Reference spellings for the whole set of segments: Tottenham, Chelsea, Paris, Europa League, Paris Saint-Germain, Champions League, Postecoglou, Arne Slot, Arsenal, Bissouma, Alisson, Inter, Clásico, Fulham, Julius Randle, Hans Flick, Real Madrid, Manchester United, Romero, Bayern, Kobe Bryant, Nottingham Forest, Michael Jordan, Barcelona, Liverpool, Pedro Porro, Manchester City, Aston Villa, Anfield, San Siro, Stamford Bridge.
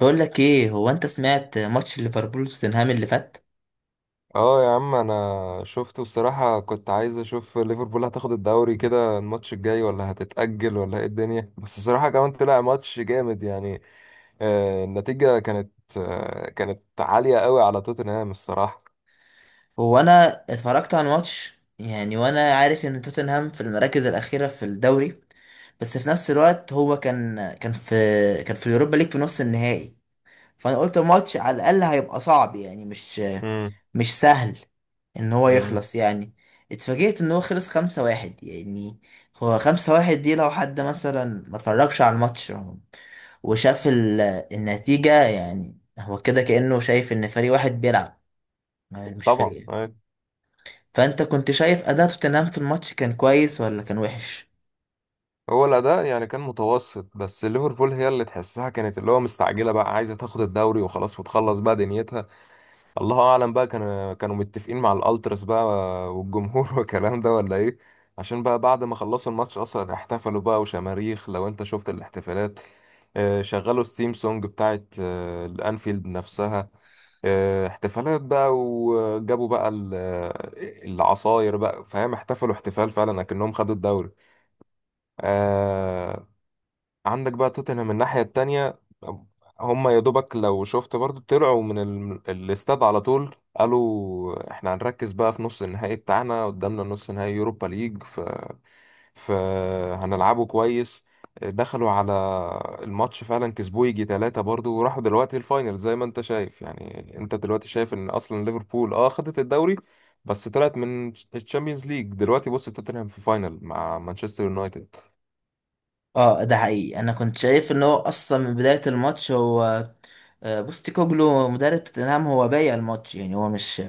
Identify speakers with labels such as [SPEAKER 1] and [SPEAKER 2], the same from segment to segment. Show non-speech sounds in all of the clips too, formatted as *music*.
[SPEAKER 1] بقول لك ايه؟ هو انت سمعت ماتش ليفربول وتوتنهام اللي فات؟
[SPEAKER 2] اه يا عم، انا شفته الصراحة. كنت عايز اشوف ليفربول هتاخد الدوري كده، الماتش الجاي ولا هتتأجل ولا ايه الدنيا؟ بس الصراحة كمان طلع ماتش جامد يعني. النتيجة كانت كانت عالية قوي على توتنهام الصراحة.
[SPEAKER 1] هو انا اتفرجت على الماتش يعني، وانا عارف ان توتنهام في المراكز الاخيره في الدوري، بس في نفس الوقت هو كان في اليوروبا ليج في نص النهائي. فانا قلت الماتش على الاقل هيبقى صعب يعني، مش
[SPEAKER 2] امم.
[SPEAKER 1] مش سهل ان هو
[SPEAKER 2] امم.
[SPEAKER 1] يخلص يعني. اتفاجئت ان هو خلص 5-1 يعني. هو 5-1 دي لو حد مثلا ما اتفرجش على الماتش وشاف النتيجة، يعني هو كده كأنه شايف ان فريق واحد بيلعب مش
[SPEAKER 2] طبعا
[SPEAKER 1] فريقين.
[SPEAKER 2] أيوة.
[SPEAKER 1] فانت كنت شايف اداء توتنهام في الماتش كان كويس ولا كان وحش؟
[SPEAKER 2] هو الأداء يعني كان متوسط، بس ليفربول هي اللي تحسها كانت اللي هو مستعجلة بقى، عايزة تاخد الدوري وخلاص وتخلص بقى دنيتها. الله اعلم بقى، كانوا متفقين مع الالتراس بقى والجمهور *laughs* والكلام ده ولا ايه. عشان بقى بعد ما خلصوا الماتش اصلا احتفلوا بقى وشماريخ، لو انت شفت الاحتفالات. شغلوا الثيم سونج بتاعت الانفيلد نفسها. احتفالات بقى، وجابوا بقى العصاير بقى فاهم، احتفلوا احتفال فعلا اكنهم خدوا الدوري. آه، عندك بقى توتنهام من الناحية التانية. هم يا دوبك لو شفت برضو طلعوا من الاستاد، على طول قالوا احنا هنركز بقى في نص النهائي بتاعنا، قدامنا نص نهائي يوروبا ليج ف... فهنلعبه كويس. دخلوا على الماتش فعلا كسبوه يجي ثلاثة برضو، وراحوا دلوقتي الفاينل زي ما انت شايف يعني. انت دلوقتي شايف ان اصلا ليفربول اه خدت الدوري، بس طلعت من الشامبيونز ليج. دلوقتي بص، توتنهام في فاينل مع مانشستر يونايتد.
[SPEAKER 1] اه، ده حقيقي، انا كنت شايف ان هو اصلا من بداية الماتش هو بوستيكوجلو مدرب توتنهام هو بايع الماتش يعني، هو مش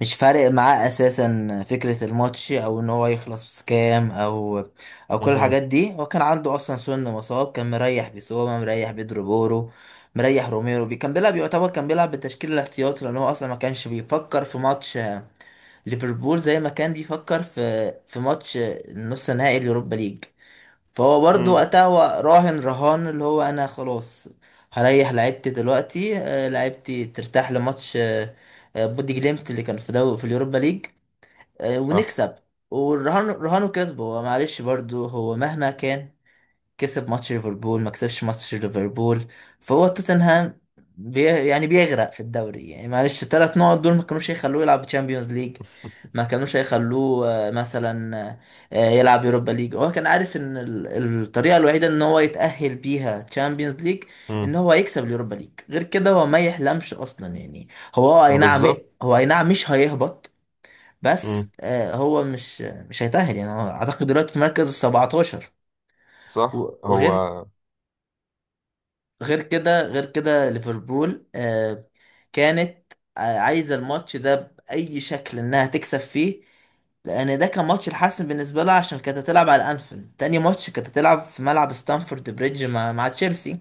[SPEAKER 1] مش فارق معاه اساسا فكرة الماتش او ان هو يخلص كام او كل
[SPEAKER 2] مهم.
[SPEAKER 1] الحاجات دي. هو كان عنده اصلا سن مصاب، كان مريح بيسوما، مريح بيدرو بورو، مريح روميرو، كان بيلعب يعتبر كان بيلعب بالتشكيل الاحتياطي لان هو اصلا ما كانش بيفكر في ماتش ليفربول زي ما كان بيفكر في ماتش نص نهائي اليوروبا ليج. فهو برضو
[SPEAKER 2] مم.
[SPEAKER 1] وقتها هو راهن رهان اللي هو انا خلاص هريح لعيبتي دلوقتي، لعيبتي ترتاح لماتش بودي جليمت اللي كان في دو في اليوروبا ليج
[SPEAKER 2] صح.
[SPEAKER 1] ونكسب. والرهان رهانه كسبه. هو معلش، برضو هو مهما كان كسب ماتش ليفربول ما كسبش ماتش ليفربول، فهو توتنهام يعني بيغرق في الدوري يعني. معلش الثلاث نقط دول ما كانوش هيخلوه يلعب تشامبيونز ليج، ما كانوش هيخلوه مثلا يلعب يوروبا ليج. هو كان عارف ان الطريقه الوحيده ان هو يتأهل بيها تشامبيونز ليج ان
[SPEAKER 2] مم.
[SPEAKER 1] هو يكسب اليوروبا ليج، غير كده هو ما يحلمش اصلا يعني. هو اي نعم
[SPEAKER 2] بالظبط.
[SPEAKER 1] هو اي نعم مش هيهبط، بس
[SPEAKER 2] مم.
[SPEAKER 1] هو مش هيتأهل يعني، هو اعتقد دلوقتي في مركز 17.
[SPEAKER 2] صح هو.
[SPEAKER 1] وغير غير كده ليفربول كانت عايزة الماتش ده بأي شكل إنها تكسب فيه، لأن ده كان ماتش الحاسم بالنسبة لها عشان كانت هتلعب على أنفيلد. تاني ماتش كانت هتلعب في ملعب ستانفورد بريدج مع تشيلسي،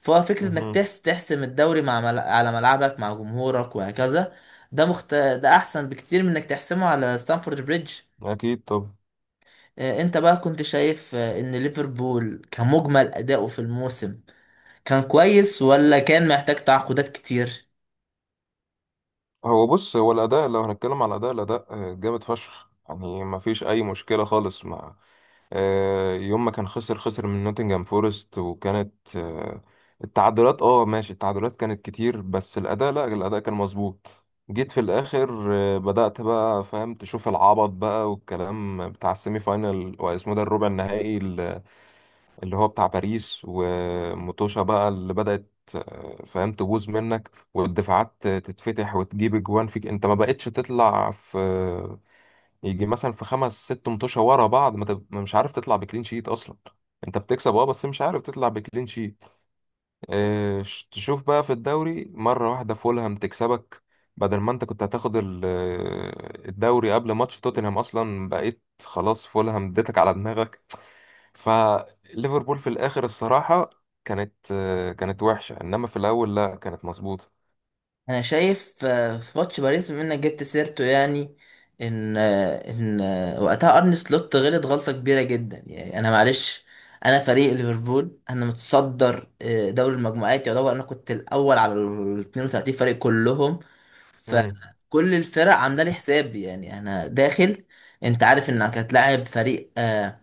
[SPEAKER 1] فهو فكرة إنك
[SPEAKER 2] مهم.
[SPEAKER 1] تحسم الدوري على ملعبك مع جمهورك وهكذا. ده أحسن بكتير من إنك تحسمه على ستانفورد بريدج.
[SPEAKER 2] اكيد. طب
[SPEAKER 1] أنت بقى كنت شايف إن ليفربول كمجمل أداؤه في الموسم كان كويس ولا كان محتاج تعاقدات كتير؟
[SPEAKER 2] هو بص، هو الاداء، لو هنتكلم على الاداء جامد فشخ يعني، ما فيش اي مشكله خالص مع يوم ما كان خسر من نوتنجهام فورست. وكانت التعادلات، اه ماشي، التعادلات كانت كتير، بس الأداء لا، الأداء كان مظبوط. جيت في الآخر بدأت بقى فاهم تشوف العبط بقى والكلام، بتاع السيمي فاينال، واسمه ده الربع النهائي اللي هو بتاع باريس وموتوشا بقى اللي بدأت فاهم تبوظ منك والدفاعات تتفتح وتجيب اجوان فيك، انت ما بقتش تطلع في يجي مثلا في خمس ست متوشة ورا بعض، ما مش عارف تطلع بكلين شيت اصلا. انت بتكسب اه، بس مش عارف تطلع بكلين شيت. تشوف بقى في الدوري مرة واحدة فولهام تكسبك، بدل ما انت كنت هتاخد الدوري قبل ماتش توتنهام اصلا، بقيت خلاص فولهام اديتك على دماغك. فليفربول في الاخر الصراحة كانت كانت وحشة، انما في الاول لا كانت مظبوطة.
[SPEAKER 1] انا شايف في ماتش باريس بما انك جبت سيرته يعني، ان آه، ان آه، وقتها ارني سلوت غلط غلطه كبيره جدا يعني. انا معلش، انا فريق ليفربول انا متصدر دوري المجموعات، يعتبر انا كنت الاول على ال 32 فريق كلهم،
[SPEAKER 2] امم.
[SPEAKER 1] فكل الفرق عامله لي حساب يعني. انا داخل، انت عارف انك هتلاعب فريق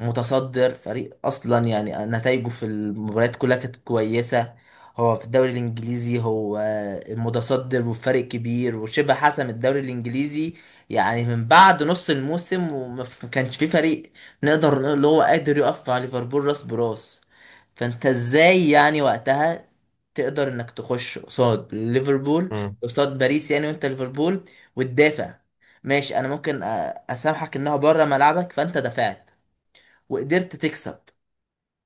[SPEAKER 1] متصدر، فريق اصلا يعني نتائجه في المباريات كلها كانت كويسه. هو في الدوري الانجليزي هو المتصدر وفرق كبير وشبه حسم الدوري الانجليزي، يعني من بعد نص الموسم، كانش في فريق نقدر نقول اللي هو قادر يقف مع ليفربول راس براس. فانت ازاي يعني وقتها تقدر انك تخش قصاد ليفربول
[SPEAKER 2] امم.
[SPEAKER 1] قصاد باريس يعني، وانت ليفربول، وتدافع؟ ماشي، انا ممكن اسامحك انها بره ملعبك، فانت دفعت وقدرت تكسب،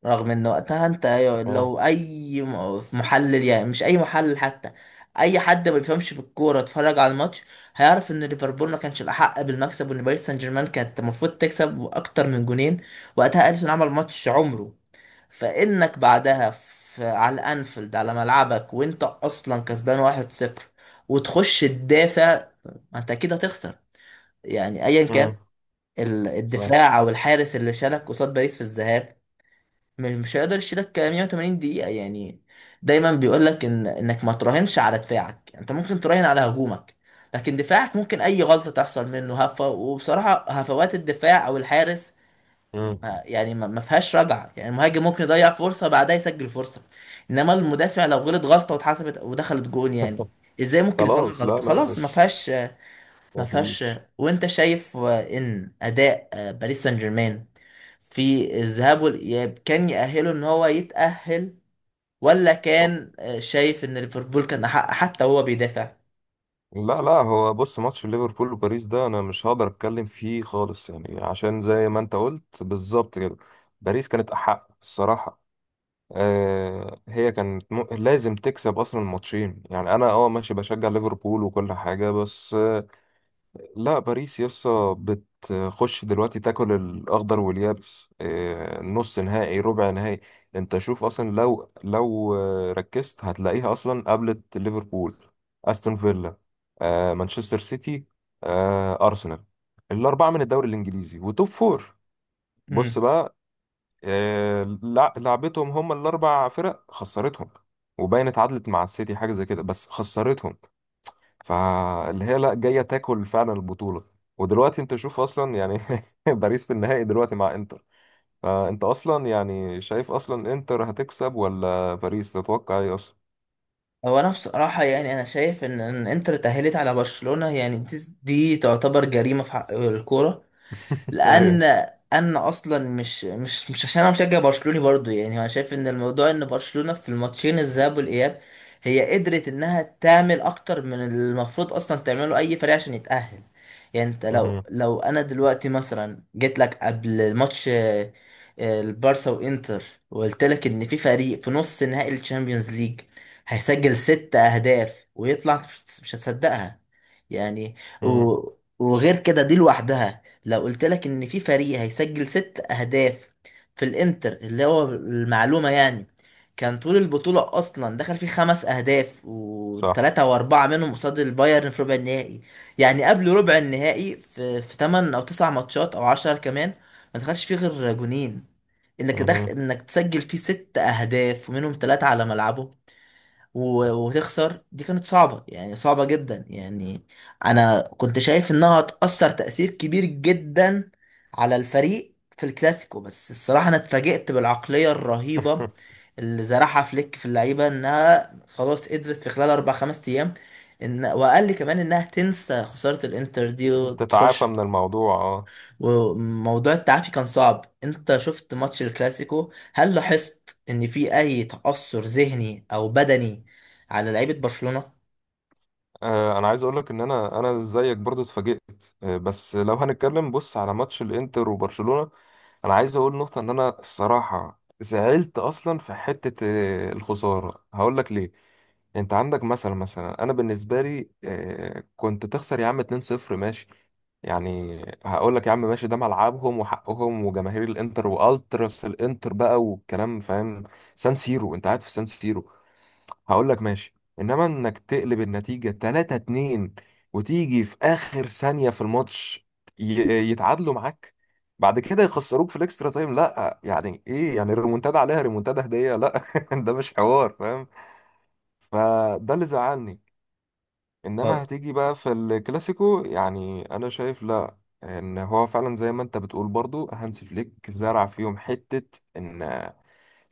[SPEAKER 1] رغم ان وقتها انت
[SPEAKER 2] اه.
[SPEAKER 1] لو اي محلل، يعني مش اي محلل حتى، اي حد ما بيفهمش في الكوره اتفرج على الماتش هيعرف ان ليفربول ما كانش الاحق بالمكسب، وان باريس سان جيرمان كانت المفروض تكسب باكتر من جونين. وقتها اليسون عمل ماتش عمره. فانك بعدها في على الانفيلد على ملعبك وانت اصلا كسبان 1-0، وتخش تدافع، ما انت اكيد هتخسر يعني. ايا كان
[SPEAKER 2] امم. صح.
[SPEAKER 1] الدفاع او الحارس اللي شالك قصاد باريس في الذهاب مش هيقدر يشيلك 180 دقيقة يعني. دايما بيقول لك ان انك ما تراهنش على دفاعك، يعني انت ممكن تراهن على هجومك لكن دفاعك ممكن اي غلطة تحصل منه هفة. وبصراحة هفوات الدفاع او الحارس،
[SPEAKER 2] امم.
[SPEAKER 1] ما فيهاش رجعة يعني. المهاجم ممكن يضيع فرصة بعدها يسجل فرصة، انما المدافع لو غلط غلطة واتحسبت ودخلت جون يعني،
[SPEAKER 2] *laughs*
[SPEAKER 1] ازاي ممكن يصلح
[SPEAKER 2] خلاص.
[SPEAKER 1] غلطة؟
[SPEAKER 2] لا لا
[SPEAKER 1] خلاص ما
[SPEAKER 2] مش...
[SPEAKER 1] فيهاش، ما
[SPEAKER 2] ما
[SPEAKER 1] فيهاش.
[SPEAKER 2] فيش.
[SPEAKER 1] وانت شايف ان اداء باريس سان جيرمان في الذهاب والإياب كان يأهله إن هو يتأهل، ولا كان شايف إن ليفربول كان أحق حتى وهو بيدافع؟
[SPEAKER 2] لا لا، هو بص، ماتش ليفربول وباريس ده انا مش هقدر اتكلم فيه خالص يعني، عشان زي ما انت قلت بالظبط كده، باريس كانت احق الصراحه. آه هي كانت لازم تكسب اصلا الماتشين يعني. انا اه ماشي بشجع ليفربول وكل حاجه، بس لا، باريس يسا بتخش دلوقتي تاكل الاخضر واليابس. نص نهائي ربع نهائي. انت شوف اصلا، لو ركزت هتلاقيها اصلا قابلت ليفربول، استون فيلا، مانشستر سيتي، ارسنال. الاربعه من الدوري الانجليزي وتوب فور. بص
[SPEAKER 1] امم،
[SPEAKER 2] بقى، لعبتهم هم الاربع فرق خسرتهم، وباين اتعادلت مع السيتي حاجه زي كده بس خسرتهم. فاللي هي لا، جايه تاكل فعلا البطوله. ودلوقتي انت شوف اصلا يعني *laughs* باريس في النهائي دلوقتي مع انتر. فانت اصلا يعني شايف اصلا انتر هتكسب ولا باريس؟ تتوقع ايه اصلا؟
[SPEAKER 1] هو أنا بصراحة يعني أنا شايف إن إن إنتر اتأهلت على برشلونة، يعني دي تعتبر جريمة في حق الكورة،
[SPEAKER 2] *laughs* ايوه.
[SPEAKER 1] لان انا اصلا مش عشان انا مشجع برشلوني برضو يعني، انا شايف ان الموضوع ان برشلونة في الماتشين الذهاب والاياب هي قدرت انها تعمل اكتر من المفروض اصلا تعمله اي فريق عشان يتأهل. يعني انت لو
[SPEAKER 2] مهم.
[SPEAKER 1] لو انا دلوقتي مثلا جيت لك قبل ماتش البارسا وانتر، وقلت لك ان في فريق في نص نهائي الشامبيونز ليج هيسجل 6 اهداف ويطلع، مش هتصدقها يعني. و...
[SPEAKER 2] مهم.
[SPEAKER 1] وغير كده دي لوحدها، لو قلت لك ان في فريق هيسجل 6 اهداف في الانتر، اللي هو المعلومة يعني، كان طول البطولة اصلا دخل فيه 5 اهداف،
[SPEAKER 2] صح.
[SPEAKER 1] وثلاثة واربعة منهم قصاد البايرن في ربع النهائي. يعني قبل ربع النهائي في 8 او 9 ماتشات او 10 كمان ما دخلش فيه غير جونين، انك دخل
[SPEAKER 2] مهم.
[SPEAKER 1] انك تسجل فيه 6 اهداف ومنهم 3 على ملعبه وتخسر، دي كانت صعبة يعني، صعبة جدا يعني. أنا كنت شايف إنها هتأثر تأثير كبير جدا على الفريق في الكلاسيكو، بس الصراحة أنا اتفاجئت بالعقلية الرهيبة اللي زرعها فليك في اللعيبة، إنها خلاص قدرت في خلال أربع خمس أيام إن، وقال لي كمان، إنها تنسى خسارة الإنتر دي
[SPEAKER 2] *laughs* تتعافى
[SPEAKER 1] وتخش.
[SPEAKER 2] من الموضوع اه.
[SPEAKER 1] وموضوع التعافي كان صعب. انت شفت ماتش الكلاسيكو؟ هل لاحظت ان في اي تأثر ذهني او بدني على لعيبة برشلونة؟
[SPEAKER 2] انا عايز اقول لك ان انا زيك برضو اتفاجئت. بس لو هنتكلم بص على ماتش الانتر وبرشلونة، انا عايز اقول نقطة ان انا الصراحة زعلت اصلا في حتة الخسارة، هقول لك ليه. انت عندك مثلا، انا بالنسبه لي كنت تخسر يا عم 2-0 ماشي يعني، هقول لك يا عم ماشي، ده ملعبهم وحقهم وجماهير الانتر والتراس الانتر بقى والكلام فاهم. سان سيرو، انت قاعد في سان سيرو، هقول لك ماشي. انما انك تقلب النتيجه 3-2 وتيجي في اخر ثانيه في الماتش يتعادلوا معاك، بعد كده يخسروك في الاكسترا تايم، لا يعني ايه يعني؟ الريمونتادا عليها ريمونتادا هديه؟ لا، *laughs* ده مش حوار فاهم. فده اللي زعلني.
[SPEAKER 1] اه،
[SPEAKER 2] انما هتيجي بقى في الكلاسيكو، يعني انا شايف لا، ان هو فعلا زي ما انت بتقول برضو هانس فليك زرع فيهم حتة ان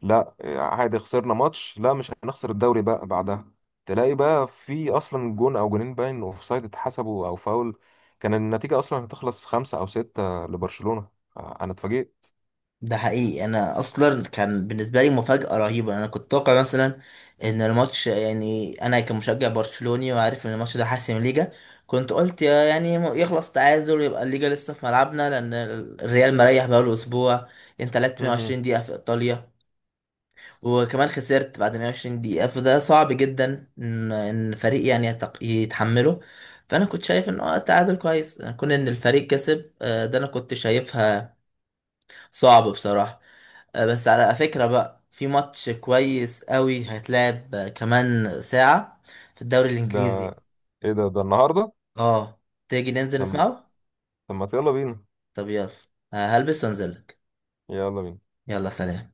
[SPEAKER 2] لا عادي، خسرنا ماتش، لا مش هنخسر الدوري بقى بعدها. تلاقي بقى في اصلا جون او جونين باين اوفسايد اتحسبوا او فاول، كان النتيجة اصلا هتخلص خمسة او ستة لبرشلونة. انا اتفاجئت.
[SPEAKER 1] ده حقيقي، انا اصلا كان بالنسبة لي مفاجأة رهيبة. انا كنت اتوقع مثلا ان الماتش يعني، انا كمشجع برشلوني وعارف ان الماتش ده حاسم الليجا، كنت قلت يعني يخلص تعادل يبقى الليجا لسه في ملعبنا، لان الريال مريح بقاله اسبوع. انت لعبت
[SPEAKER 2] مهم.
[SPEAKER 1] 120 دقيقة في ايطاليا وكمان خسرت بعد 120 دقيقة، فده صعب جدا ان فريق يعني يتحمله. فانا كنت شايف ان اه التعادل كويس كون ان الفريق كسب. ده انا كنت شايفها صعب بصراحة. بس على فكرة بقى في ماتش كويس قوي هيتلعب كمان ساعة في الدوري
[SPEAKER 2] ده
[SPEAKER 1] الانجليزي.
[SPEAKER 2] ايه ده، ده النهاردة؟
[SPEAKER 1] اه، تيجي ننزل
[SPEAKER 2] طب.
[SPEAKER 1] نسمعه؟
[SPEAKER 2] طب ما يلا بينا.
[SPEAKER 1] طب يلا. هلبس وانزلك.
[SPEAKER 2] يلا بينا.
[SPEAKER 1] يلا سلام.